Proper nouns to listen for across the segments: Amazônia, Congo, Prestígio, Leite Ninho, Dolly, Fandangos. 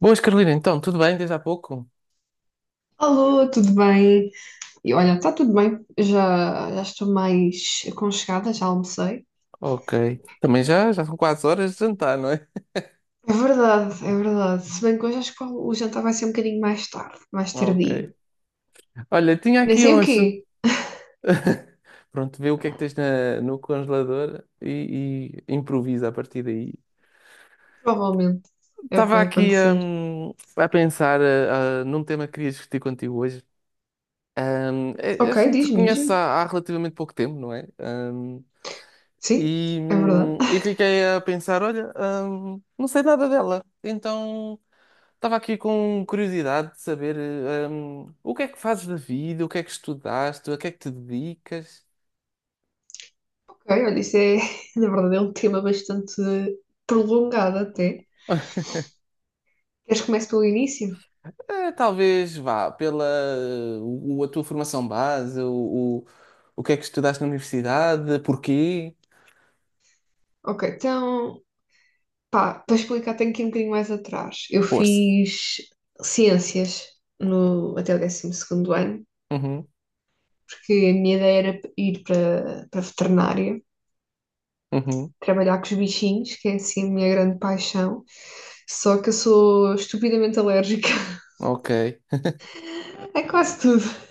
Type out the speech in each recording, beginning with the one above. Boas, Carolina, então, tudo bem desde há pouco? Alô, tudo bem? E olha, está tudo bem, já estou mais aconchegada, já almocei. Ok. Também já são quase horas de jantar, não é? É verdade, é verdade. Se bem que hoje acho que o jantar vai ser um bocadinho mais tarde, mais Ok. tardio. Olha, tinha Nem aqui sei um o assunto. quê, Pronto, vê o que é que tens no congelador e improvisa a partir daí. provavelmente é o que Estava vai aqui acontecer. A pensar num tema que queria discutir contigo hoje. Hum, a Ok, gente diz-me, conhece diz-me. há relativamente pouco tempo, não é? Hum, Sim, e, é verdade. hum, e fiquei a pensar, olha, não sei nada dela, então. Estava aqui com curiosidade de saber, o que é que fazes da vida, o que é que estudaste, a que é que te dedicas? Ok, olha, isso é, na verdade, é um tema bastante prolongado até. Queres que comece pelo início? Talvez vá pela a tua formação base, o que é que estudaste na universidade, porquê? Ok, então. Pá, para explicar, tenho que ir um bocadinho mais atrás. Eu Força. fiz ciências no, até o décimo segundo ano, Uhum, porque a minha ideia era ir para veterinária, uhum, trabalhar com os bichinhos, que é assim a minha grande paixão. Só que eu sou estupidamente alérgica ok. a quase tudo.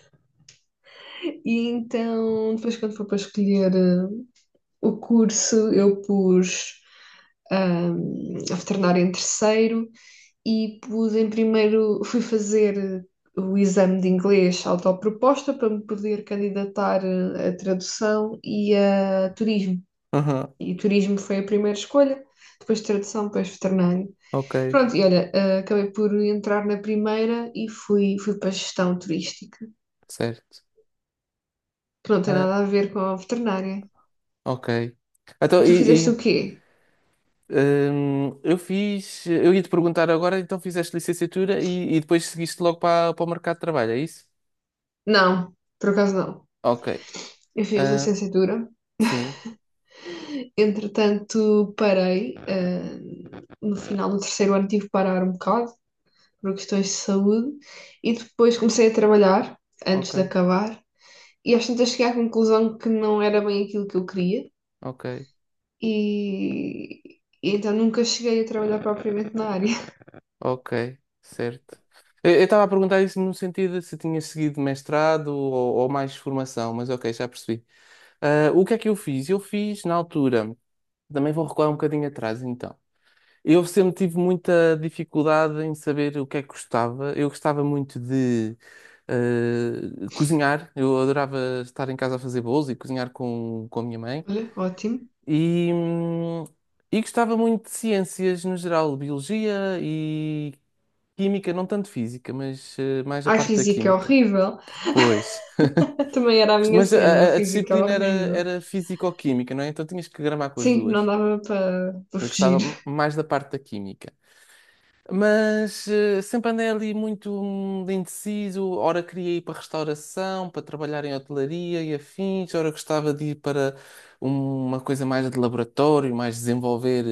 E então, depois, quando foi para escolher o curso, eu pus ah, a veterinária em terceiro e pus em primeiro, fui fazer o exame de inglês autoproposta para me poder candidatar a tradução e a turismo. Uhum, E turismo foi a primeira escolha, depois tradução, depois veterinário. ok, Pronto, e olha, acabei por entrar na primeira e fui para a gestão turística, certo. que não tem Ah, nada a ver com a veterinária. ok. E Então, tu fizeste o quê? Eu ia te perguntar agora, então fizeste licenciatura e depois seguiste logo para o mercado de trabalho, é isso? Não, por acaso não. Ok. Eu fiz Ah, licenciatura. sim, Entretanto, parei. No final do terceiro ano tive que parar um bocado por questões de saúde e depois comecei a trabalhar ok, antes de acabar e às tantas cheguei à conclusão que não era bem aquilo que eu queria ok, e, e então nunca cheguei a trabalhar propriamente na área. ok, certo. Eu estava a perguntar isso no sentido de se tinha seguido mestrado ou mais formação, mas ok, já percebi. Ah, o que é que eu fiz? Eu fiz na altura, também vou recuar um bocadinho atrás então. Eu sempre tive muita dificuldade em saber o que é que gostava. Eu gostava muito de cozinhar, eu adorava estar em casa a fazer bolos e cozinhar com a minha mãe. Olha, ótimo. E, hum, e gostava muito de ciências no geral, biologia e química, não tanto física, mas mais a A parte da física é química. horrível. Pois, Também era a minha mas cena, a a física era disciplina era, horrível. era físico-química, não é? Então tinhas que gramar com as Sim, não duas. dava para Eu gostava fugir. Mais da parte da química. Mas sempre andei ali muito indeciso. Ora queria ir para restauração, para trabalhar em hotelaria e afins. Ora gostava de ir para uma coisa mais de laboratório, mais desenvolver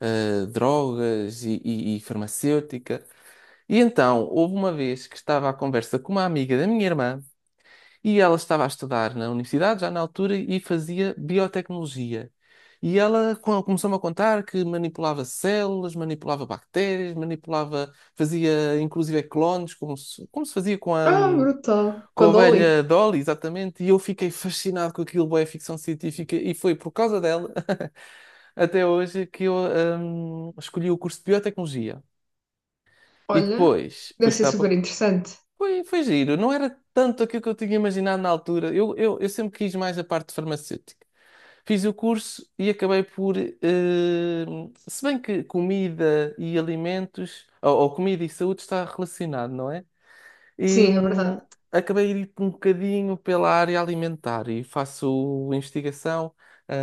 drogas e farmacêutica. E então, houve uma vez que estava à conversa com uma amiga da minha irmã. E ela estava a estudar na universidade, já na altura, e fazia biotecnologia. E ela começou-me a contar que manipulava células, manipulava bactérias, manipulava, fazia inclusive clones, como se fazia com a, Ah, hum, brutal. com Com a a Dolly. ovelha Dolly, exatamente. E eu fiquei fascinado com aquilo, bué, ficção científica, e foi por causa dela, até hoje, que eu escolhi o curso de biotecnologia. E Olha, depois fui deve ser estudar para super interessante. foi giro, não era tanto aquilo que eu tinha imaginado na altura. Eu sempre quis mais a parte farmacêutica. Fiz o curso e acabei por. Se bem que comida e alimentos, ou comida e saúde, está relacionado, não é? E Sim, é hum, verdade. acabei de ir um bocadinho pela área alimentar e faço investigação ah,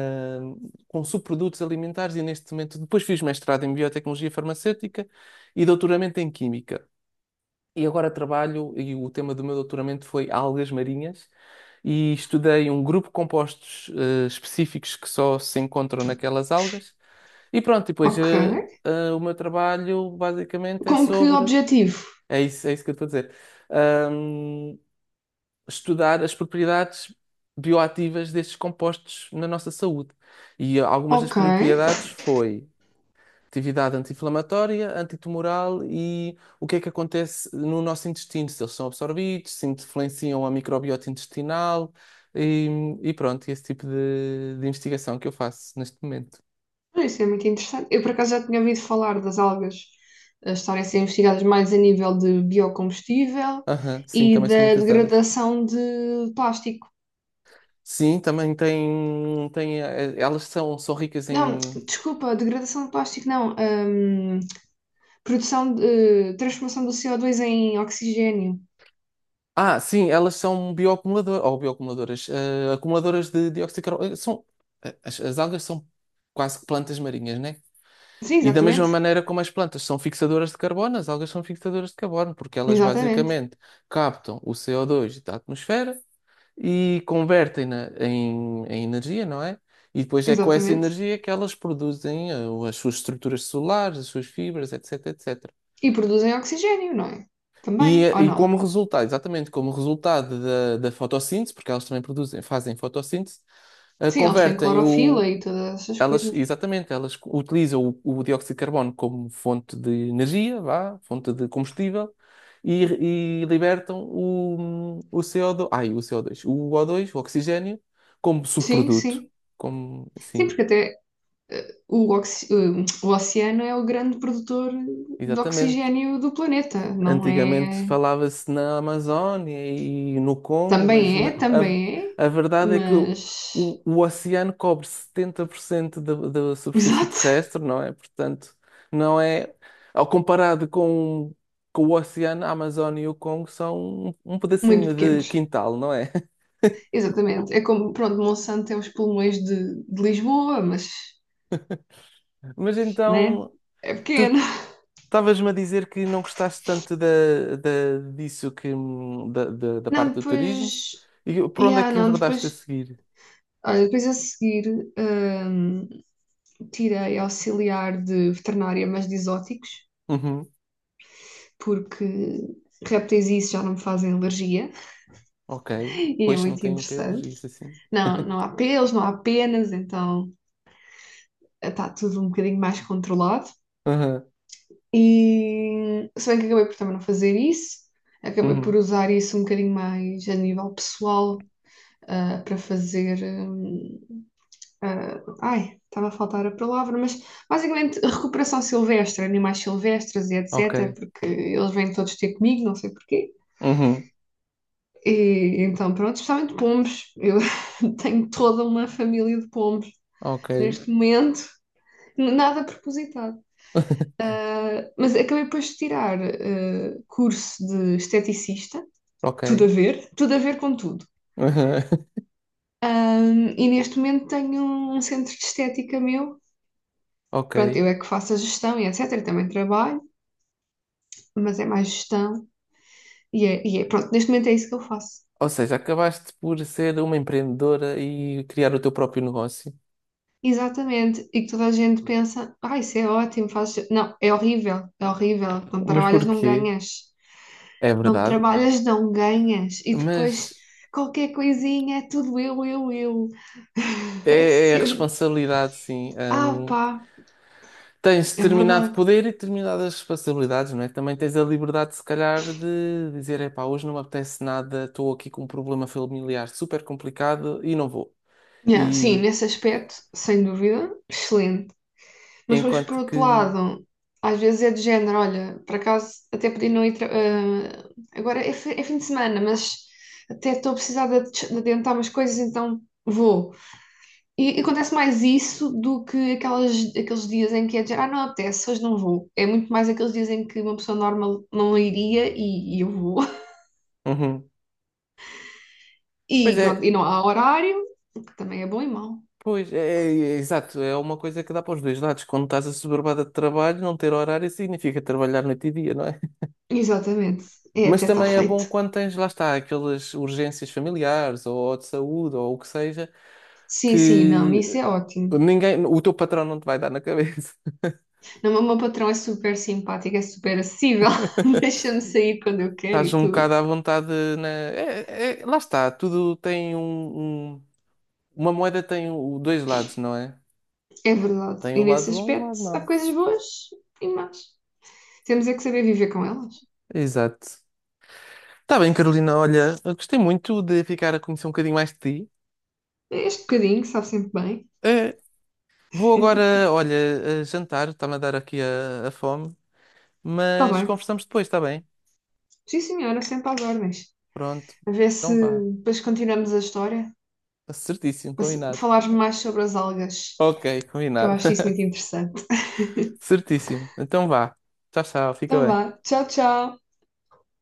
com subprodutos alimentares e neste momento. Depois fiz mestrado em biotecnologia farmacêutica e doutoramento em química. E agora trabalho, e o tema do meu doutoramento foi algas marinhas, e estudei um grupo de compostos específicos que só se encontram naquelas algas. E pronto, e depois Ok. O meu trabalho basicamente é Com que sobre. objetivo? É isso que eu estou a dizer. Ahm, Estudar as propriedades bioativas destes compostos na nossa saúde. E algumas das Ok. propriedades foi atividade anti-inflamatória, antitumoral e o que é que acontece no nosso intestino, se eles são absorvidos, se influenciam a microbiota intestinal e, e pronto, esse tipo de investigação que eu faço neste momento. Isso é muito interessante. Eu, por acaso, já tinha ouvido falar das algas estarem a ser investigadas mais a nível de biocombustível Aham, sim, e também são da muito usadas. degradação de plástico. Sim, também tem, elas são ricas Não, em. desculpa, degradação de plástico, não. Produção de, transformação do co dois em oxigênio. Ah, sim, elas são bioacumuladoras, ou bioacumuladoras, acumuladoras de dióxido de carbono. As algas são quase que plantas marinhas, né? Sim, E da mesma exatamente. maneira como as plantas são fixadoras de carbono, as algas são fixadoras de carbono, porque elas Exatamente. basicamente captam o CO2 da atmosfera e convertem-na em energia, não é? E depois é com essa Exatamente. energia que elas produzem as suas estruturas celulares, as suas fibras, etc, etc. E produzem oxigênio, não é? E, Também, eh, ou e como não? resultado, exatamente como resultado da fotossíntese, porque elas também produzem, fazem fotossíntese, eh, Sim, eles têm convertem clorofila o, e todas essas coisas. exatamente, elas utilizam o dióxido de carbono como fonte de energia, vá, fonte de combustível, e, e libertam o CO2, ai, o CO2, o O2, o O dois, o oxigênio, como Sim, subproduto. sim. Como, Sim, sim, porque até o oceano é o grande produtor de exatamente. oxigênio do planeta, não Antigamente é? falava-se na Amazónia e no Congo, mas Também é, também a é, verdade é que o, mas. o- o oceano cobre 70% da superfície Exato, terrestre, não é? Portanto, não é. Ao comparado com o oceano, a Amazónia e o Congo são um muito pedacinho de pequenos. quintal, não é? Exatamente. É como, pronto, Monsanto tem os pulmões de Lisboa, mas, Mas né? então, É tu pequeno. estavas-me a dizer que não gostaste tanto disso que, da Não, parte do turismo. depois. E por onde é Yeah, que não, enverdaste a depois. seguir? Olha, depois a seguir. Tirei auxiliar de veterinária, mas de exóticos, Uhum. porque répteis e isso já não me fazem alergia Ok. e é Pois não muito tem pelos, interessante. isso assim. Não, não há pelos, não há penas, então está tudo um bocadinho mais controlado. Aham. E se bem que acabei por também não fazer isso, acabei por Uhum. usar isso um bocadinho mais a nível pessoal, para fazer, hum, estava a faltar a palavra, mas basicamente recuperação silvestre, animais silvestres e etc., Ok. porque eles vêm todos ter comigo, não sei porquê. Uhum. E então, pronto, especialmente pombos. Eu tenho toda uma família de pombos Ok. neste momento, nada propositado. Mas acabei depois de tirar curso de esteticista, Ok. Tudo a ver com tudo. Aham. Ah, e neste momento tenho um centro de estética meu. Pronto, Ok. eu é que faço a gestão e etc. também trabalho. Mas é mais gestão e é, pronto, neste momento é isso que eu faço. Ou seja, acabaste por ser uma empreendedora e criar o teu próprio negócio. Exatamente, e que toda a gente pensa, ah, isso é ótimo, fazes... Não, é horrível, não Mas trabalhas, não porquê? ganhas. É Não verdade. trabalhas, não ganhas. E depois Mas qualquer coisinha é tudo eu. É é sempre. responsabilidade, sim. Ah, pá, Tens é determinado verdade. poder e determinadas responsabilidades, não é? Também tens a liberdade, se calhar, de dizer: epá, hoje não me apetece nada, estou aqui com um problema familiar super complicado e não vou. Yeah, sim, E nesse aspecto, sem dúvida, excelente. Mas depois, por enquanto outro que. lado, às vezes é de género, olha, por acaso até podia não ir. Agora é, é fim de semana, mas até estou a precisar de, de adiantar umas coisas, então vou. E acontece mais isso do que aquelas, aqueles dias em que é de género, ah, não apetece, hoje não vou. É muito mais aqueles dias em que uma pessoa normal não iria e eu vou. Uhum. Pois E é, pronto, e não há horário, o que também é bom e mau. pois é, exato, é uma coisa que dá para os dois lados. Quando estás assoberbada de trabalho, não ter horário significa trabalhar noite e dia, não é? Exatamente, é Mas até está também é bom feito. quando tens, lá está, aquelas urgências familiares ou de saúde ou o que seja, Sim, sim, não, isso que é ótimo. ninguém, o teu patrão não te vai dar na cabeça. Não, mas o meu patrão é super simpático, é super acessível, deixa-me sair quando eu quero Estás e um tudo. bocado à vontade lá está, tudo tem um, um- Uma moeda tem dois lados, não é? É verdade. Tem E o nesse lado bom e o aspecto, lado há mau. coisas boas e más. Temos é que saber viver com elas. Exato. Está bem, Carolina. Olha, eu gostei muito de ficar a conhecer um bocadinho mais de ti. Este bocadinho sabe sempre bem. Eh, Vou agora, olha, a jantar. Está-me a dar aqui a fome. Está Mas bem. conversamos depois, está bem? Sim, senhora, sempre às ordens. Pronto. A ver se Então vá. depois continuamos a história, Certíssimo, para combinado. falares mais sobre as algas, Ok, que eu combinado. acho isso muito interessante. Certíssimo. Então vá. Tchau, tchau. Fica Então bem. vá. Tchau, tchau.